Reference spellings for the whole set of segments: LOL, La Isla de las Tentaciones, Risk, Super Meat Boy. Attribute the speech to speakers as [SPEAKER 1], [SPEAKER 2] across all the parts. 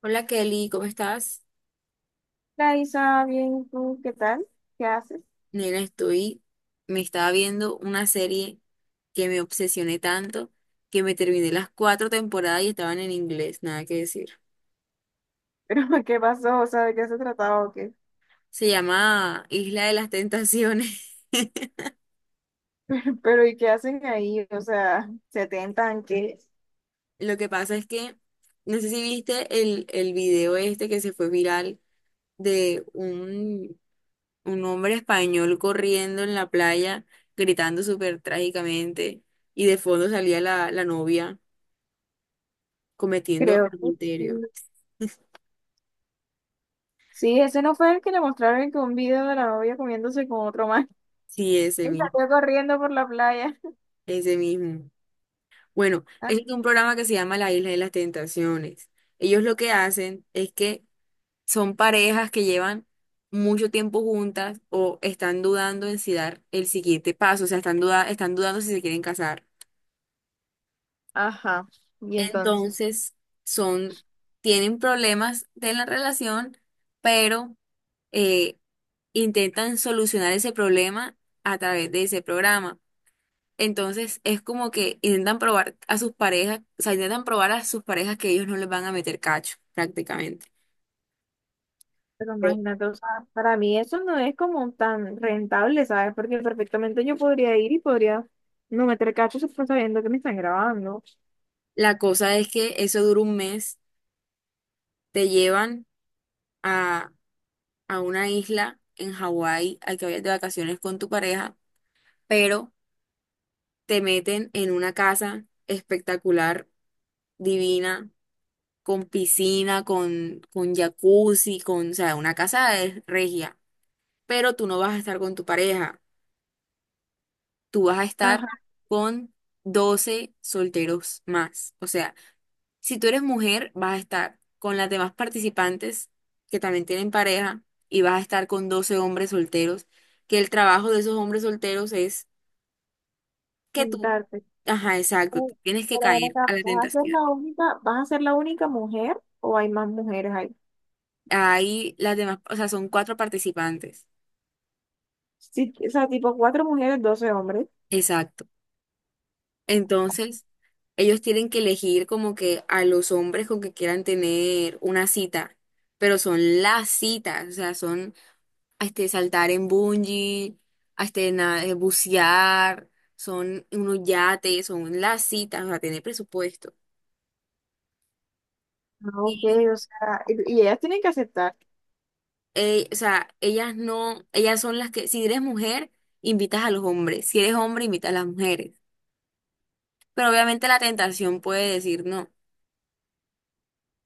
[SPEAKER 1] Hola Kelly, ¿cómo estás?
[SPEAKER 2] Isa, bien, ¿tú qué tal? ¿Qué haces?
[SPEAKER 1] Nena, estoy, me estaba viendo una serie que me obsesioné tanto que me terminé las cuatro temporadas y estaban en inglés, nada que decir.
[SPEAKER 2] ¿Pero qué pasó? O sea, ¿de qué se trataba o qué?
[SPEAKER 1] Se llama Isla de las Tentaciones.
[SPEAKER 2] Pero ¿y qué hacen ahí? O sea, ¿se tentan qué?
[SPEAKER 1] Lo que pasa es que, no sé si viste el video este que se fue viral de un hombre español corriendo en la playa, gritando súper trágicamente, y de fondo salía la novia cometiendo
[SPEAKER 2] Creo que
[SPEAKER 1] adulterio.
[SPEAKER 2] sí. Sí, ese no fue el que le mostraron que un video de la novia comiéndose con otro más.
[SPEAKER 1] Sí,
[SPEAKER 2] Y
[SPEAKER 1] ese mismo,
[SPEAKER 2] salió corriendo por la playa.
[SPEAKER 1] ese mismo. Bueno, ese es un programa que se llama La Isla de las Tentaciones. Ellos lo que hacen es que son parejas que llevan mucho tiempo juntas o están dudando en si dar el siguiente paso, o sea, están dudando si se quieren casar.
[SPEAKER 2] Ajá, y entonces.
[SPEAKER 1] Entonces, son, tienen problemas de la relación, pero eh, intentan solucionar ese problema a través de ese programa. Entonces es como que intentan probar a sus parejas, o sea, intentan probar a sus parejas que ellos no les van a meter cacho, prácticamente.
[SPEAKER 2] Pero
[SPEAKER 1] Sí.
[SPEAKER 2] imagínate, o sea, para mí eso no es como tan rentable, ¿sabes? Porque perfectamente yo podría ir y podría no meter cachos sabiendo que me están grabando.
[SPEAKER 1] La cosa es que eso dura un mes, te llevan a, a una isla en Hawái a que vayas de vacaciones con tu pareja, pero te meten en una casa espectacular, divina, con piscina, con jacuzzi, con, o sea, una casa de regia, pero tú no vas a estar con tu pareja. Tú vas a
[SPEAKER 2] Ajá,
[SPEAKER 1] estar con 12 solteros más. O sea, si tú eres mujer, vas a estar con las demás participantes que también tienen pareja y vas a estar con 12 hombres solteros, que el trabajo de esos hombres solteros es que tú,
[SPEAKER 2] sentarte.
[SPEAKER 1] ajá, exacto, tú
[SPEAKER 2] Uh,
[SPEAKER 1] tienes que
[SPEAKER 2] Pero ven
[SPEAKER 1] caer a
[SPEAKER 2] acá,
[SPEAKER 1] la
[SPEAKER 2] ¿vas a ser
[SPEAKER 1] tentación.
[SPEAKER 2] la única, vas a ser la única mujer o hay más mujeres ahí?
[SPEAKER 1] Ahí las demás, o sea, son cuatro participantes.
[SPEAKER 2] Sí, o sea, tipo cuatro mujeres, doce hombres.
[SPEAKER 1] Exacto. Entonces, ellos tienen que elegir como que a los hombres con que quieran tener una cita, pero son las citas, o sea, son este, saltar en bungee, bucear, son unos yates, son las citas, o sea, tener presupuesto.
[SPEAKER 2] Ah, ok,
[SPEAKER 1] Y,
[SPEAKER 2] o sea, y ellas tienen que aceptar.
[SPEAKER 1] o sea, ellas no, ellas son las que, si eres mujer, invitas a los hombres, si eres hombre, invitas a las mujeres. Pero obviamente la tentación puede decir no,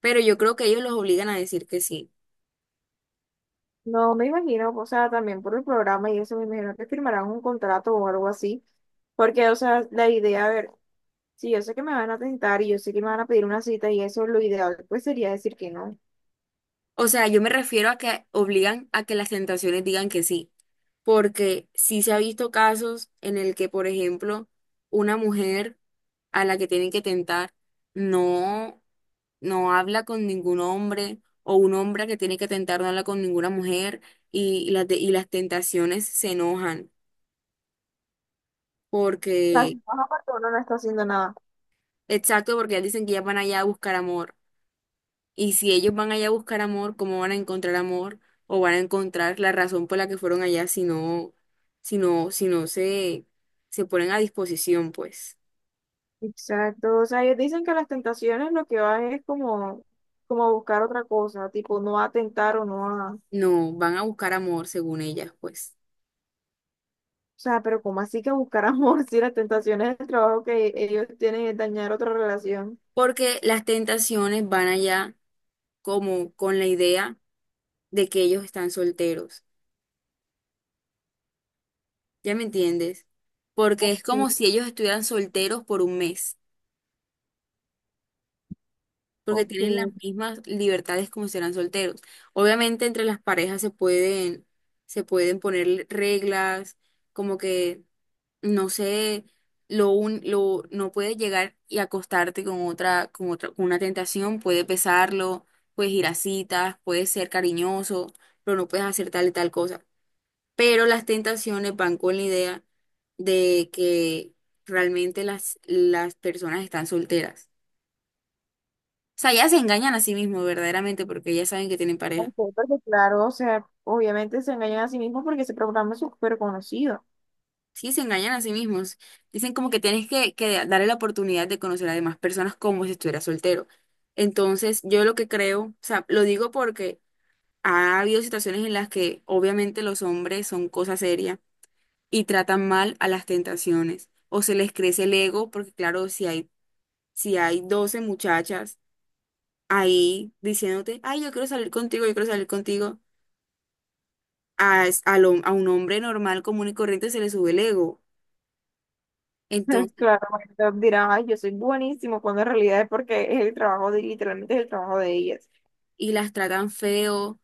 [SPEAKER 1] pero yo creo que ellos los obligan a decir que sí.
[SPEAKER 2] No me imagino, o sea, también por el programa y eso, me imagino que firmarán un contrato o algo así. Porque, o sea, la idea, a ver, si yo sé que me van a tentar y yo sé que me van a pedir una cita y eso, lo ideal, pues sería decir que no. O
[SPEAKER 1] O sea, yo me refiero a que obligan a que las tentaciones digan que sí, porque sí se ha visto casos en el que, por ejemplo, una mujer a la que tienen que tentar no, no habla con ningún hombre o un hombre que tiene que tentar no habla con ninguna mujer y y las tentaciones se enojan
[SPEAKER 2] sea, si
[SPEAKER 1] porque,
[SPEAKER 2] no, aparte uno no está haciendo nada.
[SPEAKER 1] exacto, porque ellas dicen que ellas van allá a buscar amor. Y si ellos van allá a buscar amor, ¿cómo van a encontrar amor? ¿O van a encontrar la razón por la que fueron allá si no, si no, si no se, se ponen a disposición, pues?
[SPEAKER 2] Exacto, o sea, ellos dicen que las tentaciones lo que van es como, como a buscar otra cosa, tipo no a tentar o no a... O
[SPEAKER 1] No, van a buscar amor según ellas, pues.
[SPEAKER 2] sea, pero ¿cómo así que buscar amor si las tentaciones del trabajo que ellos tienen es dañar otra relación?
[SPEAKER 1] Porque las tentaciones van allá como con la idea de que ellos están solteros. ¿Ya me entiendes? Porque
[SPEAKER 2] Ok,
[SPEAKER 1] es como si ellos estuvieran solteros por un mes. Porque tienen las
[SPEAKER 2] ok,
[SPEAKER 1] mismas libertades como si eran solteros. Obviamente entre las parejas se pueden poner reglas, como que, no sé, no puedes llegar y acostarte con con una tentación, puedes besarlo, puedes ir a citas, puedes ser cariñoso, pero no puedes hacer tal y tal cosa. Pero las tentaciones van con la idea de que realmente las personas están solteras sea, ya se engañan a sí mismos verdaderamente porque ya saben que tienen pareja.
[SPEAKER 2] ok, porque claro, o sea, obviamente se engañan a sí mismos porque ese programa es súper conocido.
[SPEAKER 1] Sí, se engañan a sí mismos. Dicen como que tienes que darle la oportunidad de conocer a demás personas como si estuviera soltero. Entonces, yo lo que creo, o sea, lo digo porque ha habido situaciones en las que obviamente los hombres son cosa seria y tratan mal a las tentaciones o se les crece el ego porque claro, si hay 12 muchachas ahí diciéndote, ay, yo quiero salir contigo, yo quiero salir contigo. A un hombre normal, común y corriente se le sube el ego. Entonces,
[SPEAKER 2] Claro, entonces dirán, ay, yo soy buenísimo, cuando en realidad es porque es el trabajo de, literalmente es el trabajo de ellas.
[SPEAKER 1] y las tratan feo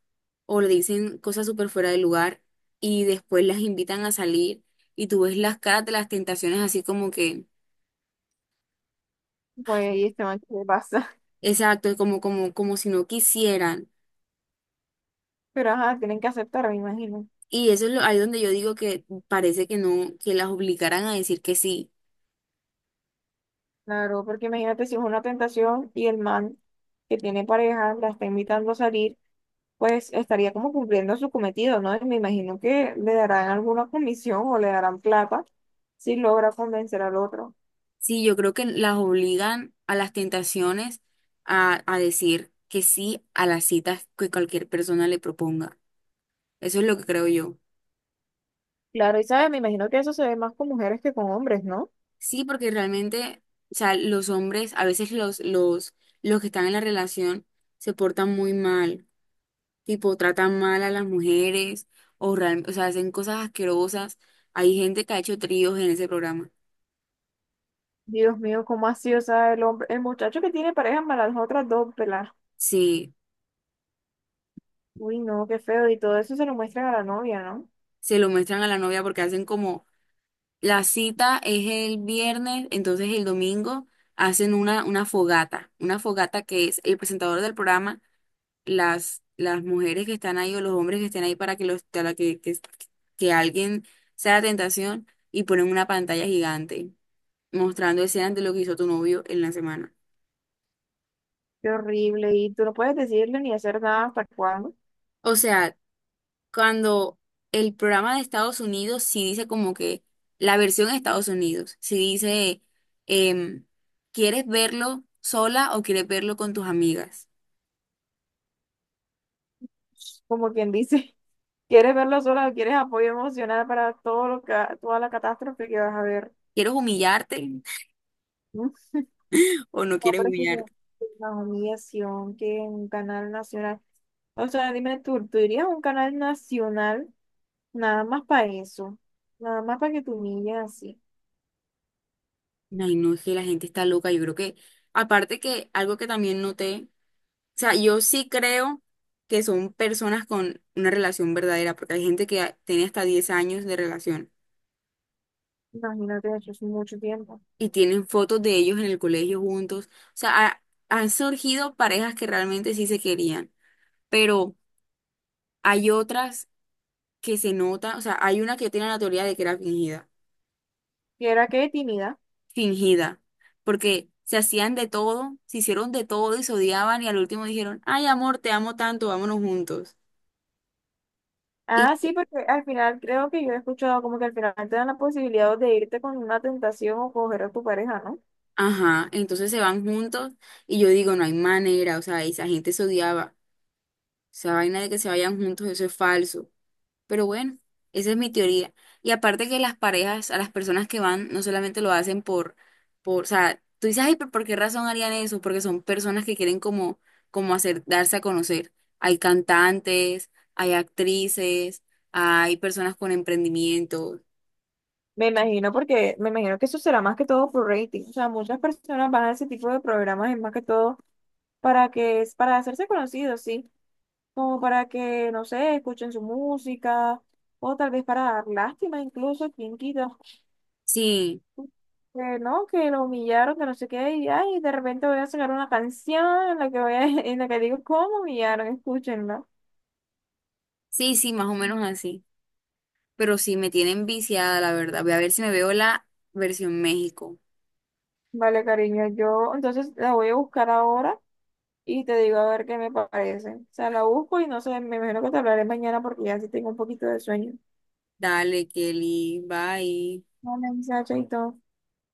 [SPEAKER 1] o le dicen cosas súper fuera de lugar y después las invitan a salir y tú ves las caras de las tentaciones así como que,
[SPEAKER 2] Pues, y este man, ¿qué le pasa?
[SPEAKER 1] exacto, como si no quisieran.
[SPEAKER 2] Pero ajá, tienen que aceptar, me imagino.
[SPEAKER 1] Y eso es lo, ahí donde yo digo que parece que no, que las obligaran a decir que sí.
[SPEAKER 2] Claro, porque imagínate si es una tentación y el man que tiene pareja la está invitando a salir, pues estaría como cumpliendo su cometido, ¿no? Y me imagino que le darán alguna comisión o le darán plata si logra convencer al otro.
[SPEAKER 1] Sí, yo creo que las obligan a las tentaciones a decir que sí a las citas que cualquier persona le proponga. Eso es lo que creo yo.
[SPEAKER 2] Claro, y sabes, me imagino que eso se ve más con mujeres que con hombres, ¿no?
[SPEAKER 1] Sí, porque realmente, o sea, los hombres, a veces los que están en la relación se portan muy mal, tipo tratan mal a las mujeres o, real- o sea, hacen cosas asquerosas. Hay gente que ha hecho tríos en ese programa.
[SPEAKER 2] Dios mío, ¿cómo así? O sea, el hombre, el muchacho que tiene pareja para las otras dos pelas.
[SPEAKER 1] Sí,
[SPEAKER 2] Uy, no, qué feo. Y todo eso se lo muestran a la novia, ¿no?
[SPEAKER 1] se lo muestran a la novia porque hacen como la cita es el viernes, entonces el domingo hacen una fogata que es el presentador del programa las mujeres que están ahí o los hombres que estén ahí para que los, que alguien sea la tentación y ponen una pantalla gigante mostrando escenas de lo que hizo tu novio en la semana.
[SPEAKER 2] Qué horrible. Y tú no puedes decirle ni hacer nada hasta cuándo,
[SPEAKER 1] O sea, cuando el programa de Estados Unidos sí dice como que la versión de Estados Unidos, sí dice, em, ¿quieres verlo sola o quieres verlo con tus amigas?
[SPEAKER 2] como quien dice. ¿Quieres verlo sola o quieres apoyo emocional para todo lo que, toda la catástrofe que vas a ver?
[SPEAKER 1] ¿Quieres humillarte
[SPEAKER 2] Uf,
[SPEAKER 1] o no
[SPEAKER 2] no,
[SPEAKER 1] quieres
[SPEAKER 2] pero es que es
[SPEAKER 1] humillarte?
[SPEAKER 2] una humillación que un canal nacional. O sea, dime tú, ¿tú irías a un canal nacional nada más para eso? Nada más para que te humillen así.
[SPEAKER 1] Ay, no, es que la gente está loca. Yo creo que, aparte que algo que también noté sea, yo sí creo que son personas con una relación verdadera, porque hay gente que tiene hasta 10 años de relación
[SPEAKER 2] Imagínate, eso es mucho tiempo.
[SPEAKER 1] y tienen fotos de ellos en el colegio juntos. O sea, ha- han surgido parejas que realmente sí se querían, pero hay otras que se nota, o sea, hay una que tiene la teoría de que era fingida,
[SPEAKER 2] ¿Y era qué tímida?
[SPEAKER 1] fingida, porque se hacían de todo, se hicieron de todo y se odiaban y al último dijeron, ay amor, te amo tanto, vámonos juntos.
[SPEAKER 2] Ah, sí, porque al final creo que yo he escuchado como que al final te dan la posibilidad de irte con una tentación o coger a tu pareja, ¿no?
[SPEAKER 1] Ajá, entonces se van juntos y yo digo, no hay manera, o sea, esa gente se odiaba, esa vaina de que se vayan juntos, eso es falso. Pero bueno, esa es mi teoría. Y aparte que las parejas, a las personas que van, no solamente lo hacen o sea, tú dices, ay, pero ¿por qué razón harían eso? Porque son personas que quieren como, como hacer, darse a conocer. Hay cantantes, hay actrices, hay personas con emprendimiento.
[SPEAKER 2] Me imagino porque me imagino que eso será más que todo por rating. O sea, muchas personas van a ese tipo de programas es más que todo para que es para hacerse conocidos, sí, como para que, no sé, escuchen su música o tal vez para dar lástima incluso, quién quita,
[SPEAKER 1] Sí,
[SPEAKER 2] que no, que lo humillaron, que no sé qué, y ay, de repente voy a sacar una canción en la que voy a, en la que digo cómo humillaron, escúchenla.
[SPEAKER 1] sí, más o menos así. Pero sí me tienen viciada, la verdad. Voy a ver si me veo la versión México.
[SPEAKER 2] Vale, cariño, yo entonces la voy a buscar ahora. Y te digo a ver qué me parece. O sea, la busco y no sé, me imagino que te hablaré mañana porque ya sí tengo un poquito de sueño.
[SPEAKER 1] Dale, Kelly, bye.
[SPEAKER 2] Hola, Isa, chaito.